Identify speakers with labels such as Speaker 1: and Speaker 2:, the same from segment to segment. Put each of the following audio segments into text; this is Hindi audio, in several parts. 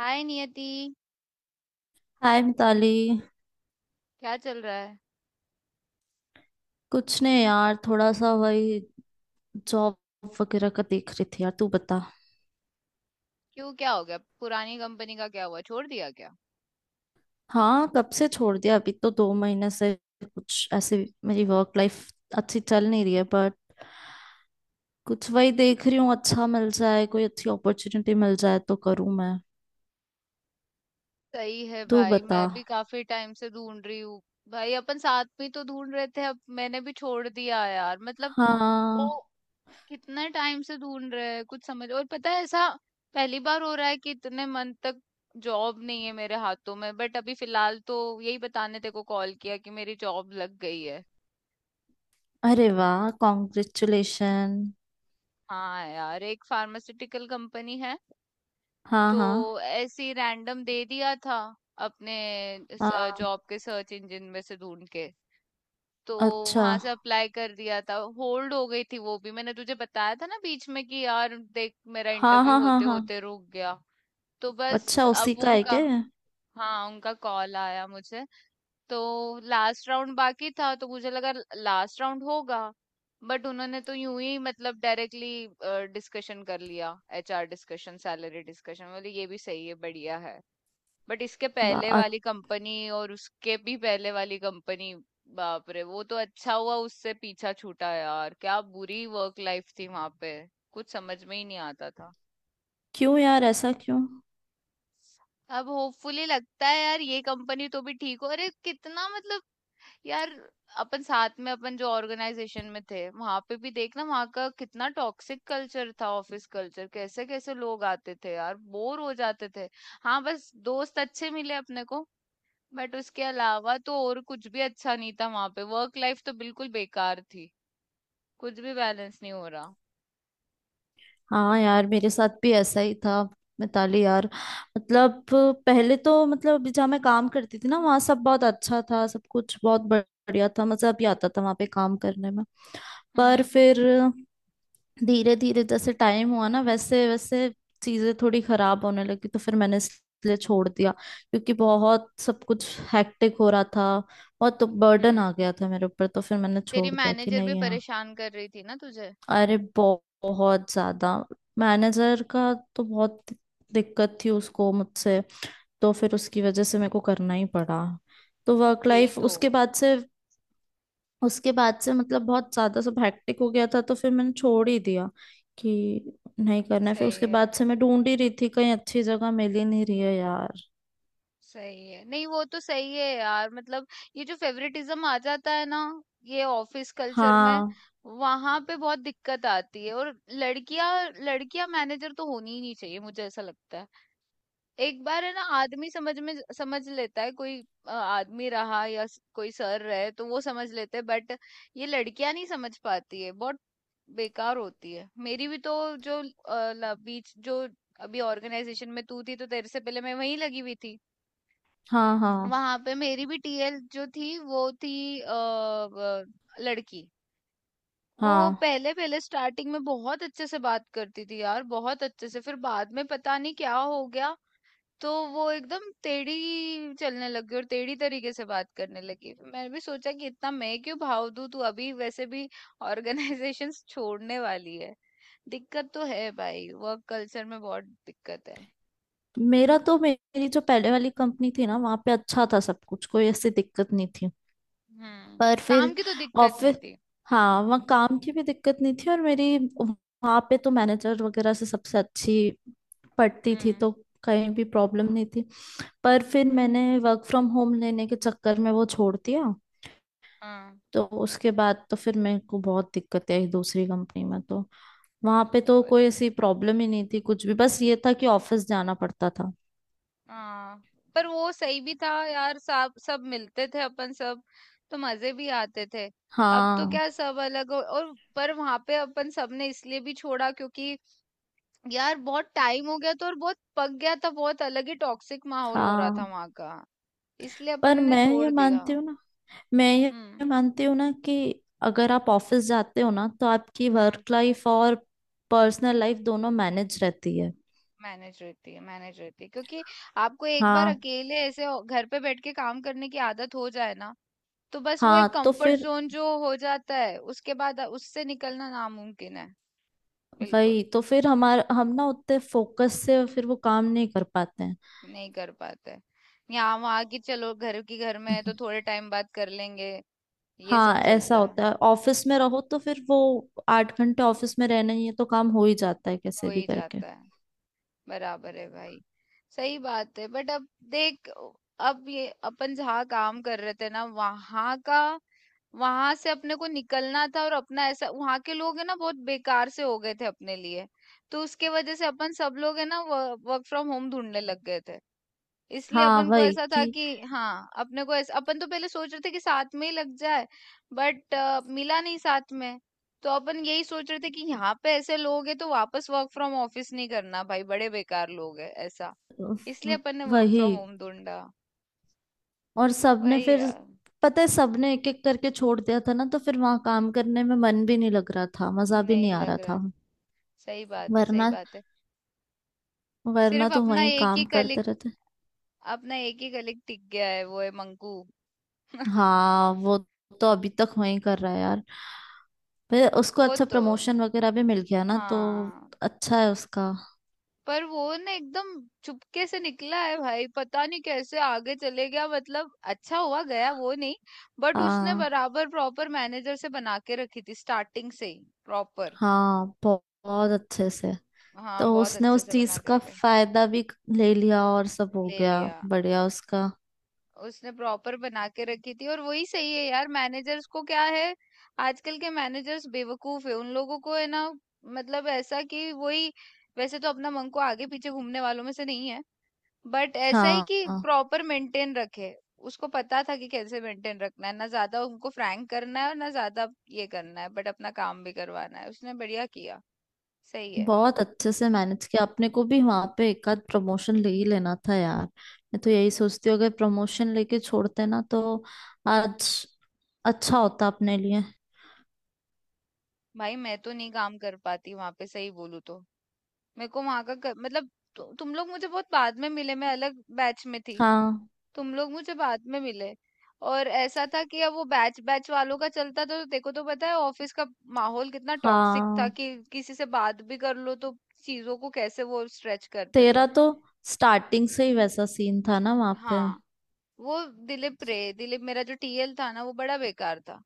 Speaker 1: हाय नियति।
Speaker 2: हाय मिताली।
Speaker 1: क्या चल रहा है।
Speaker 2: कुछ नहीं यार, थोड़ा सा वही जॉब वगैरह का देख रही थी। यार तू बता।
Speaker 1: क्यों, क्या हो गया? पुरानी कंपनी का क्या हुआ, छोड़ दिया क्या?
Speaker 2: हाँ, कब से छोड़ दिया, अभी तो दो महीने से। कुछ ऐसे मेरी वर्क लाइफ अच्छी चल नहीं रही है बट कुछ वही देख रही हूँ, अच्छा मिल जाए, कोई अच्छी अपॉर्चुनिटी मिल जाए तो करूँ मैं।
Speaker 1: सही है
Speaker 2: तू
Speaker 1: भाई। मैं
Speaker 2: बता।
Speaker 1: भी काफी टाइम से ढूंढ रही हूँ। भाई, अपन साथ में तो ढूंढ रहे थे, अब मैंने भी छोड़ दिया यार, मतलब वो,
Speaker 2: हाँ,
Speaker 1: कितने टाइम से ढूंढ रहे हैं कुछ समझ और पता है ऐसा। पहली बार हो रहा है कि इतने मंथ तक जॉब नहीं है मेरे हाथों में, बट अभी फिलहाल तो यही बताने तेरे को कॉल किया कि मेरी जॉब लग गई है।
Speaker 2: अरे वाह, कॉन्ग्रेचुलेशन।
Speaker 1: हाँ यार, एक फार्मास्यूटिकल कंपनी है।
Speaker 2: हाँ, हाँ,
Speaker 1: तो ऐसे ही रैंडम दे दिया था अपने
Speaker 2: हाँ।
Speaker 1: जॉब के सर्च इंजन में से ढूंढ के। तो
Speaker 2: अच्छा।
Speaker 1: वहां से अप्लाई कर दिया था, होल्ड हो गई थी। वो भी मैंने तुझे बताया था ना बीच में कि यार देख मेरा
Speaker 2: हाँ,
Speaker 1: इंटरव्यू
Speaker 2: हाँ, हाँ,
Speaker 1: होते
Speaker 2: हाँ।
Speaker 1: होते रुक गया। तो बस
Speaker 2: अच्छा, उसी
Speaker 1: अब
Speaker 2: का है
Speaker 1: उनका,
Speaker 2: क्या ये?
Speaker 1: हाँ, उनका कॉल आया मुझे। तो लास्ट राउंड बाकी था, तो मुझे लगा लास्ट राउंड होगा। बट उन्होंने तो यूं ही, मतलब डायरेक्टली डिस्कशन कर लिया। एचआर डिस्कशन, सैलरी डिस्कशन, बोले ये भी सही है, बढ़िया है। बट इसके
Speaker 2: वाह।
Speaker 1: पहले वाली कंपनी, और उसके भी पहले वाली कंपनी, बाप रे! वो तो अच्छा हुआ उससे पीछा छूटा यार, क्या बुरी वर्क लाइफ थी वहां पे, कुछ समझ में ही नहीं आता था।
Speaker 2: क्यों यार, ऐसा क्यों।
Speaker 1: अब होपफुली लगता है यार ये कंपनी तो भी ठीक हो। अरे कितना, मतलब यार, अपन साथ में, अपन जो ऑर्गेनाइजेशन में थे, वहां पे भी देखना वहां का कितना टॉक्सिक कल्चर था, ऑफिस कल्चर, कैसे कैसे लोग आते थे यार, बोर हो जाते थे। हाँ, बस दोस्त अच्छे मिले अपने को। बट उसके अलावा तो और कुछ भी अच्छा नहीं था वहां पे, वर्क लाइफ तो बिल्कुल बेकार थी, कुछ भी बैलेंस नहीं हो रहा।
Speaker 2: हाँ यार, मेरे साथ भी ऐसा ही था मिताली यार। मतलब पहले तो, मतलब अभी जहाँ मैं काम करती थी ना, वहाँ सब बहुत अच्छा था, सब कुछ बहुत बढ़िया था, मजा भी आता था वहाँ पे काम करने में। पर
Speaker 1: हम्म।
Speaker 2: फिर धीरे धीरे जैसे टाइम हुआ ना, वैसे वैसे चीजें थोड़ी खराब होने लगी, तो फिर मैंने इसलिए छोड़ दिया क्योंकि बहुत सब कुछ हैक्टिक हो रहा था। बहुत तो बर्डन
Speaker 1: हम्म।
Speaker 2: आ गया था मेरे ऊपर, तो फिर मैंने
Speaker 1: तेरी
Speaker 2: छोड़ दिया कि
Speaker 1: मैनेजर भी
Speaker 2: नहीं।
Speaker 1: परेशान कर रही थी ना तुझे?
Speaker 2: अरे बहुत ज्यादा। मैनेजर का तो बहुत दिक्कत थी उसको मुझसे, तो फिर उसकी वजह से मेरे को करना ही पड़ा। तो वर्क
Speaker 1: यही
Speaker 2: लाइफ
Speaker 1: तो।
Speaker 2: उसके बाद से, उसके बाद से मतलब बहुत ज्यादा सब हैक्टिक हो गया था, तो फिर मैंने छोड़ ही दिया कि नहीं करना है। फिर
Speaker 1: सही
Speaker 2: उसके
Speaker 1: है
Speaker 2: बाद से मैं ढूंढ ही रही थी, कहीं अच्छी जगह मिल ही नहीं रही है यार।
Speaker 1: सही है। नहीं, वो तो सही है यार, मतलब ये जो फेवरेटिज्म आ जाता है ना, ये ऑफिस कल्चर में,
Speaker 2: हाँ,
Speaker 1: वहां पे बहुत दिक्कत आती है। और लड़कियां, लड़कियां मैनेजर तो होनी ही नहीं चाहिए, मुझे ऐसा लगता है। एक बार है ना, आदमी समझ में समझ लेता है, कोई आदमी रहा या कोई सर रहे तो वो समझ लेते हैं, बट ये लड़कियां नहीं समझ पाती है, बहुत बेकार होती है। मेरी भी तो, जो बीच जो, अभी ऑर्गेनाइजेशन में तू थी, तो तेरे से पहले मैं वहीं लगी हुई थी।
Speaker 2: हाँ, हाँ,
Speaker 1: वहां पे मेरी भी टीएल जो थी वो थी अ, व- लड़की। वो
Speaker 2: हाँ।
Speaker 1: पहले पहले स्टार्टिंग में बहुत अच्छे से बात करती थी यार, बहुत अच्छे से, फिर बाद में पता नहीं क्या हो गया। तो वो एकदम टेढ़ी चलने लगी और टेढ़ी तरीके से बात करने लगी। फिर मैंने भी सोचा कि इतना मैं क्यों भाव दूं, तू अभी वैसे भी ऑर्गेनाइजेशन छोड़ने वाली है। दिक्कत तो है भाई, वर्क कल्चर में बहुत दिक्कत है।
Speaker 2: मेरा तो, मेरी जो पहले वाली कंपनी थी ना, वहां पे अच्छा था सब कुछ, कोई ऐसी दिक्कत नहीं थी।
Speaker 1: हम्म।
Speaker 2: पर
Speaker 1: काम
Speaker 2: फिर
Speaker 1: की तो दिक्कत नहीं
Speaker 2: ऑफिस।
Speaker 1: थी।
Speaker 2: हाँ, वहाँ काम की भी दिक्कत नहीं थी, और मेरी वहाँ पे तो मैनेजर वगैरह से सबसे अच्छी पड़ती थी,
Speaker 1: हम्म,
Speaker 2: तो कहीं भी प्रॉब्लम नहीं थी। पर फिर
Speaker 1: हम्म,
Speaker 2: मैंने वर्क फ्रॉम होम लेने के चक्कर में वो छोड़ दिया।
Speaker 1: हाँ।
Speaker 2: तो उसके बाद तो फिर मेरे को बहुत दिक्कतें आई दूसरी कंपनी में। तो वहाँ पे तो
Speaker 1: और
Speaker 2: कोई ऐसी प्रॉब्लम ही नहीं थी कुछ भी, बस ये था कि ऑफिस जाना पड़ता था।
Speaker 1: हाँ। पर वो सही भी था यार, सब सब मिलते थे अपन सब, तो मजे भी आते थे। अब तो
Speaker 2: हाँ।
Speaker 1: क्या, सब अलग हो। और पर वहां पे अपन सबने इसलिए भी छोड़ा, क्योंकि यार बहुत टाइम हो गया, तो और बहुत पक गया था, बहुत अलग ही टॉक्सिक माहौल हो रहा था
Speaker 2: हाँ।
Speaker 1: वहां का। इसलिए अपन
Speaker 2: पर
Speaker 1: ने
Speaker 2: मैं ये
Speaker 1: छोड़ दिया।
Speaker 2: मानती हूँ ना, मैं ये
Speaker 1: हम्म।
Speaker 2: मानती हूँ ना कि अगर आप ऑफिस जाते हो ना, तो आपकी
Speaker 1: हाँ,
Speaker 2: वर्क लाइफ और पर्सनल लाइफ दोनों मैनेज रहती है।
Speaker 1: मैनेज रहती है मैनेज रहती है, क्योंकि आपको एक बार
Speaker 2: हाँ।
Speaker 1: अकेले ऐसे घर पे बैठ के काम करने की आदत हो जाए ना, तो बस वो
Speaker 2: हाँ,
Speaker 1: एक
Speaker 2: तो
Speaker 1: कंफर्ट
Speaker 2: फिर
Speaker 1: जोन जो हो जाता है, उसके बाद उससे निकलना नामुमकिन है। बिल्कुल।
Speaker 2: वही, तो फिर हमारा, हम ना उतने फोकस से फिर वो काम नहीं कर पाते हैं।
Speaker 1: नहीं कर पाते हैं। यहाँ वहाँ की चलो, घर की घर में है
Speaker 2: हम्म।
Speaker 1: तो थोड़े टाइम बाद कर लेंगे। ये
Speaker 2: हाँ,
Speaker 1: सब
Speaker 2: ऐसा
Speaker 1: चलता है।
Speaker 2: होता है, ऑफिस में रहो तो फिर वो आठ घंटे ऑफिस में रहना ही है, तो काम हो ही जाता है
Speaker 1: हो
Speaker 2: कैसे भी
Speaker 1: ही
Speaker 2: करके।
Speaker 1: जाता है। बराबर है भाई। सही बात है, बट अब देख, अब ये अपन जहाँ काम कर रहे थे ना, वहाँ का, वहां से अपने को निकलना था। और अपना ऐसा, वहां के लोग है ना बहुत बेकार से हो गए थे अपने लिए। तो उसके वजह से अपन सब लोग है ना, वर्क फ्रॉम होम ढूंढने लग गए थे। इसलिए
Speaker 2: हाँ
Speaker 1: अपन को
Speaker 2: वही
Speaker 1: ऐसा था
Speaker 2: कि,
Speaker 1: कि, हाँ, अपने को ऐसा, अपन तो पहले सोच रहे थे कि साथ में ही लग जाए। बट मिला नहीं साथ में। तो अपन यही सोच रहे थे कि यहाँ पे ऐसे लोग हैं, तो वापस वर्क फ्रॉम ऑफिस नहीं करना भाई, बड़े बेकार लोग हैं ऐसा। इसलिए अपन ने वर्क
Speaker 2: वही।
Speaker 1: फ्रॉम होम ढूंढा।
Speaker 2: और सबने
Speaker 1: वही
Speaker 2: फिर,
Speaker 1: यार।
Speaker 2: पता है सबने एक एक करके छोड़ दिया था ना, तो फिर वहां काम करने में मन भी नहीं लग रहा था, मजा भी नहीं
Speaker 1: नहीं
Speaker 2: आ रहा
Speaker 1: लग रहा।
Speaker 2: था।
Speaker 1: सही बात है, सही
Speaker 2: वरना,
Speaker 1: बात है।
Speaker 2: वरना
Speaker 1: सिर्फ
Speaker 2: तो
Speaker 1: अपना
Speaker 2: वहीं
Speaker 1: एक ही
Speaker 2: काम करते
Speaker 1: कलिक,
Speaker 2: रहते।
Speaker 1: अपना एक ही कलिक टिक गया है, वो है मंकू।
Speaker 2: हाँ वो, तो अभी तक वहीं कर रहा है यार, फिर उसको
Speaker 1: वो
Speaker 2: अच्छा
Speaker 1: तो।
Speaker 2: प्रमोशन वगैरह भी मिल गया ना, तो
Speaker 1: हाँ।
Speaker 2: अच्छा है उसका।
Speaker 1: पर वो ना एकदम चुपके से निकला है भाई, पता नहीं कैसे आगे चले गया। मतलब अच्छा हुआ, गया वो, नहीं? बट उसने
Speaker 2: आ,
Speaker 1: बराबर प्रॉपर मैनेजर से बना के रखी थी स्टार्टिंग से ही प्रॉपर।
Speaker 2: हाँ बहुत, बहुत अच्छे से।
Speaker 1: हाँ,
Speaker 2: तो
Speaker 1: बहुत
Speaker 2: उसने
Speaker 1: अच्छे
Speaker 2: उस
Speaker 1: से
Speaker 2: चीज
Speaker 1: बना के
Speaker 2: का
Speaker 1: रखे।
Speaker 2: फायदा भी ले लिया और सब हो
Speaker 1: ले
Speaker 2: गया।
Speaker 1: लिया।
Speaker 2: बढ़िया उसका।
Speaker 1: उसने प्रॉपर बना के रखी थी। और वही सही है यार, मैनेजर्स को क्या है, आजकल के मैनेजर्स बेवकूफ है, उन लोगों को है ना, मतलब ऐसा कि वही। वैसे तो अपना मन को आगे पीछे घूमने वालों में से नहीं है, बट ऐसा ही कि
Speaker 2: हाँ
Speaker 1: प्रॉपर मेंटेन रखे। उसको पता था कि कैसे मेंटेन रखना है, ना ज्यादा उनको फ्रैंक करना है और ना ज्यादा ये करना है, बट अपना काम भी करवाना है। उसने बढ़िया किया। सही है।
Speaker 2: बहुत अच्छे से मैनेज किया। अपने को भी वहां पे एक आध प्रमोशन ले ही लेना था यार, मैं तो यही सोचती हूँ, अगर प्रमोशन लेके छोड़ते ना, तो आज अच्छा होता अपने लिए।
Speaker 1: भाई मैं तो नहीं काम कर पाती वहां पे, सही बोलूं तो। मेरे को वहां का मतलब, तुम लोग मुझे बहुत बाद में मिले, मैं अलग बैच में थी।
Speaker 2: हाँ।
Speaker 1: तुम लोग मुझे बाद में मिले। और ऐसा था कि अब वो बैच बैच वालों का चलता, तो देखो, तो पता है ऑफिस का माहौल कितना टॉक्सिक था
Speaker 2: हाँ,
Speaker 1: कि किसी से बात भी कर लो तो चीजों को कैसे वो स्ट्रेच करते थे।
Speaker 2: तेरा तो स्टार्टिंग से ही वैसा सीन था ना वहां पे।
Speaker 1: हाँ। वो दिलीप रे दिलीप, मेरा जो टीएल था ना वो बड़ा बेकार था।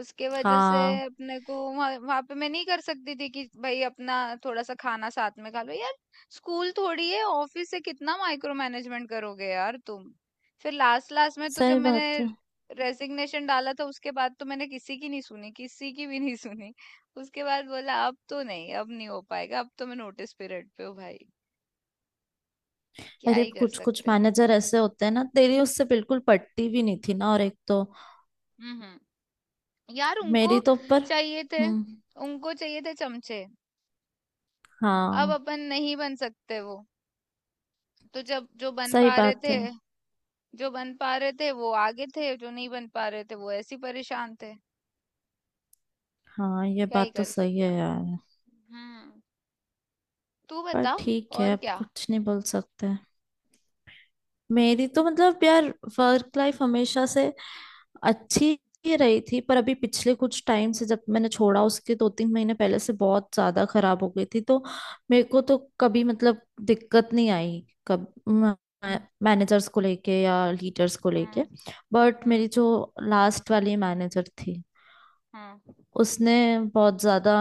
Speaker 1: उसके वजह से
Speaker 2: हाँ।
Speaker 1: अपने को वहां, वहां पे मैं नहीं कर सकती थी कि भाई अपना थोड़ा सा खाना साथ में खा लो यार। स्कूल थोड़ी है ऑफिस, से कितना माइक्रो मैनेजमेंट करोगे यार तुम। फिर लास्ट लास्ट में तो जब
Speaker 2: सही
Speaker 1: मैंने
Speaker 2: बात है।
Speaker 1: रेजिग्नेशन डाला था उसके बाद तो मैंने किसी की नहीं सुनी, किसी की भी नहीं सुनी। उसके बाद बोला अब तो नहीं, अब नहीं हो पाएगा, अब तो मैं नोटिस पीरियड पे हूँ भाई, क्या
Speaker 2: अरे
Speaker 1: ही कर
Speaker 2: कुछ कुछ
Speaker 1: सकते हैं।
Speaker 2: मैनेजर ऐसे होते हैं ना, तेरी उससे बिल्कुल पटती भी नहीं थी ना, और एक तो
Speaker 1: हम्म। हम्म। यार उनको
Speaker 2: मेरी तो ऊपर।
Speaker 1: चाहिए थे,
Speaker 2: हम्म।
Speaker 1: उनको चाहिए थे चमचे। अब
Speaker 2: हाँ।
Speaker 1: अपन नहीं बन सकते वो। तो जब जो बन
Speaker 2: सही
Speaker 1: पा रहे
Speaker 2: बात
Speaker 1: थे,
Speaker 2: है।
Speaker 1: जो बन पा रहे थे वो आगे थे, जो नहीं बन पा रहे थे वो ऐसे ही परेशान थे।
Speaker 2: हाँ ये
Speaker 1: क्या ही
Speaker 2: बात तो
Speaker 1: कर
Speaker 2: सही
Speaker 1: सकते
Speaker 2: है
Speaker 1: हैं।
Speaker 2: यार।
Speaker 1: हम्म। तू
Speaker 2: पर
Speaker 1: बता।
Speaker 2: ठीक है,
Speaker 1: और
Speaker 2: अब
Speaker 1: क्या।
Speaker 2: कुछ नहीं बोल सकते। मेरी तो मतलब यार, वर्क लाइफ हमेशा से अच्छी ही रही थी, पर अभी पिछले कुछ टाइम से, जब मैंने छोड़ा उसके दो तीन महीने पहले से बहुत ज्यादा खराब हो गई थी। तो मेरे को तो कभी मतलब दिक्कत नहीं आई कब, मैनेजर्स को लेके या लीडर्स को लेके।
Speaker 1: हम्म।
Speaker 2: बट
Speaker 1: हम्म।
Speaker 2: मेरी जो लास्ट वाली मैनेजर थी,
Speaker 1: हम्म।
Speaker 2: उसने बहुत ज्यादा,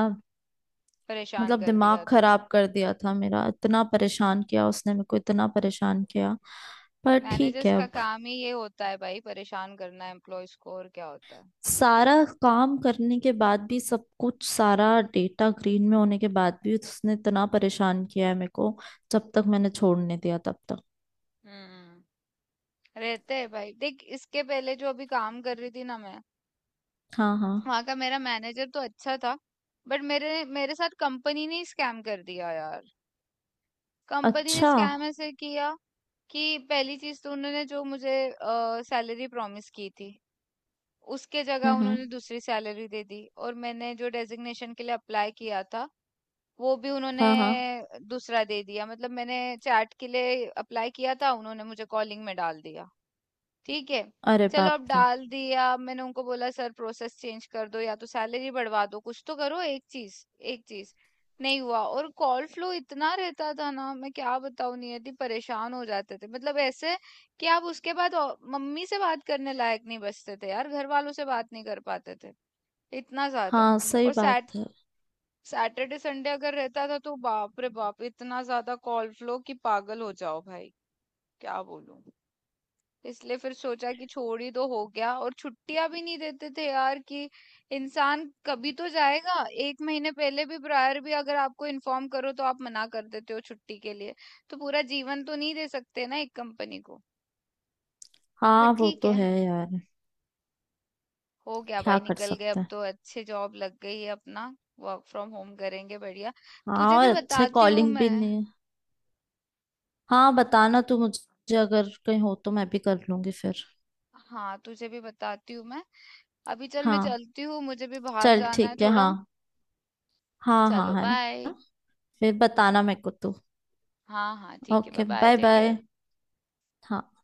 Speaker 1: परेशान
Speaker 2: मतलब
Speaker 1: कर दिया
Speaker 2: दिमाग
Speaker 1: था।
Speaker 2: खराब कर दिया था मेरा। इतना परेशान किया उसने मेरे को, इतना परेशान किया। पर ठीक
Speaker 1: मैनेजर्स
Speaker 2: है
Speaker 1: का
Speaker 2: अब।
Speaker 1: काम ही ये होता है भाई, परेशान करना एम्प्लॉयज को, और क्या होता है।
Speaker 2: सारा काम करने के बाद भी, सब कुछ सारा डेटा ग्रीन में होने के बाद भी, उसने इतना परेशान किया है मेरे को जब तक मैंने छोड़ने दिया तब तक।
Speaker 1: हम्म। रहते हैं भाई। देख, इसके पहले जो अभी काम कर रही थी ना मैं,
Speaker 2: हाँ, हाँ।
Speaker 1: वहां का मेरा मैनेजर तो अच्छा था। बट मेरे मेरे साथ कंपनी ने स्कैम कर दिया यार। कंपनी ने
Speaker 2: अच्छा।
Speaker 1: स्कैम ऐसे किया कि, पहली चीज तो उन्होंने जो मुझे सैलरी प्रॉमिस की थी, उसके जगह
Speaker 2: हम्म, हम्म।
Speaker 1: उन्होंने दूसरी सैलरी दे दी। और मैंने जो डेजिग्नेशन के लिए अप्लाई किया था, वो भी उन्होंने
Speaker 2: हाँ, हाँ।
Speaker 1: दूसरा दे दिया। मतलब मैंने चैट के लिए अप्लाई किया था, उन्होंने मुझे कॉलिंग में डाल दिया। ठीक है,
Speaker 2: अरे
Speaker 1: चलो,
Speaker 2: बाप
Speaker 1: अब
Speaker 2: रे।
Speaker 1: डाल दिया। अब मैंने उनको बोला सर प्रोसेस चेंज कर दो या तो सैलरी बढ़वा दो, कुछ तो करो एक चीज। एक चीज नहीं हुआ। और कॉल फ्लो इतना रहता था ना, मैं क्या बताऊं नियति, परेशान हो जाते थे, मतलब ऐसे कि आप उसके बाद मम्मी से बात करने लायक नहीं बचते थे यार, घर वालों से बात नहीं कर पाते थे, इतना ज्यादा।
Speaker 2: हाँ सही
Speaker 1: और
Speaker 2: बात है।
Speaker 1: सैटरडे संडे अगर रहता था, तो बाप रे बाप, इतना ज्यादा कॉल फ्लो कि पागल हो जाओ भाई, क्या बोलूं। इसलिए फिर सोचा कि छोड़ ही दो, हो गया। और छुट्टियां भी नहीं देते थे यार कि इंसान कभी तो जाएगा। एक महीने पहले भी, प्रायर भी अगर आपको इन्फॉर्म करो, तो आप मना कर देते हो छुट्टी के लिए। तो पूरा जीवन तो नहीं दे सकते ना एक कंपनी को। बट
Speaker 2: हाँ वो
Speaker 1: ठीक
Speaker 2: तो
Speaker 1: है,
Speaker 2: है यार,
Speaker 1: हो गया
Speaker 2: क्या
Speaker 1: भाई,
Speaker 2: कर
Speaker 1: निकल गए।
Speaker 2: सकते
Speaker 1: अब
Speaker 2: हैं।
Speaker 1: तो अच्छे जॉब लग गई है अपना, वर्क फ्रॉम होम करेंगे, बढ़िया।
Speaker 2: हाँ,
Speaker 1: तुझे
Speaker 2: और
Speaker 1: भी
Speaker 2: अच्छे
Speaker 1: बताती हूँ
Speaker 2: कॉलिंग
Speaker 1: मैं,
Speaker 2: भी नहीं। हाँ बताना तू मुझे, अगर कहीं हो तो मैं भी कर लूंगी फिर।
Speaker 1: हाँ तुझे भी बताती हूँ मैं। अभी चल, मैं
Speaker 2: हाँ,
Speaker 1: चलती हूँ, मुझे भी बाहर
Speaker 2: चल
Speaker 1: जाना है
Speaker 2: ठीक है। हाँ,
Speaker 1: थोड़ा।
Speaker 2: हाँ, हाँ,
Speaker 1: चलो
Speaker 2: है ना।
Speaker 1: बाय।
Speaker 2: फिर बताना मेरे को तू।
Speaker 1: हाँ, हाँ, ठीक है। Bye
Speaker 2: okay,
Speaker 1: bye,
Speaker 2: bye
Speaker 1: take
Speaker 2: bye.
Speaker 1: Care.
Speaker 2: हाँ।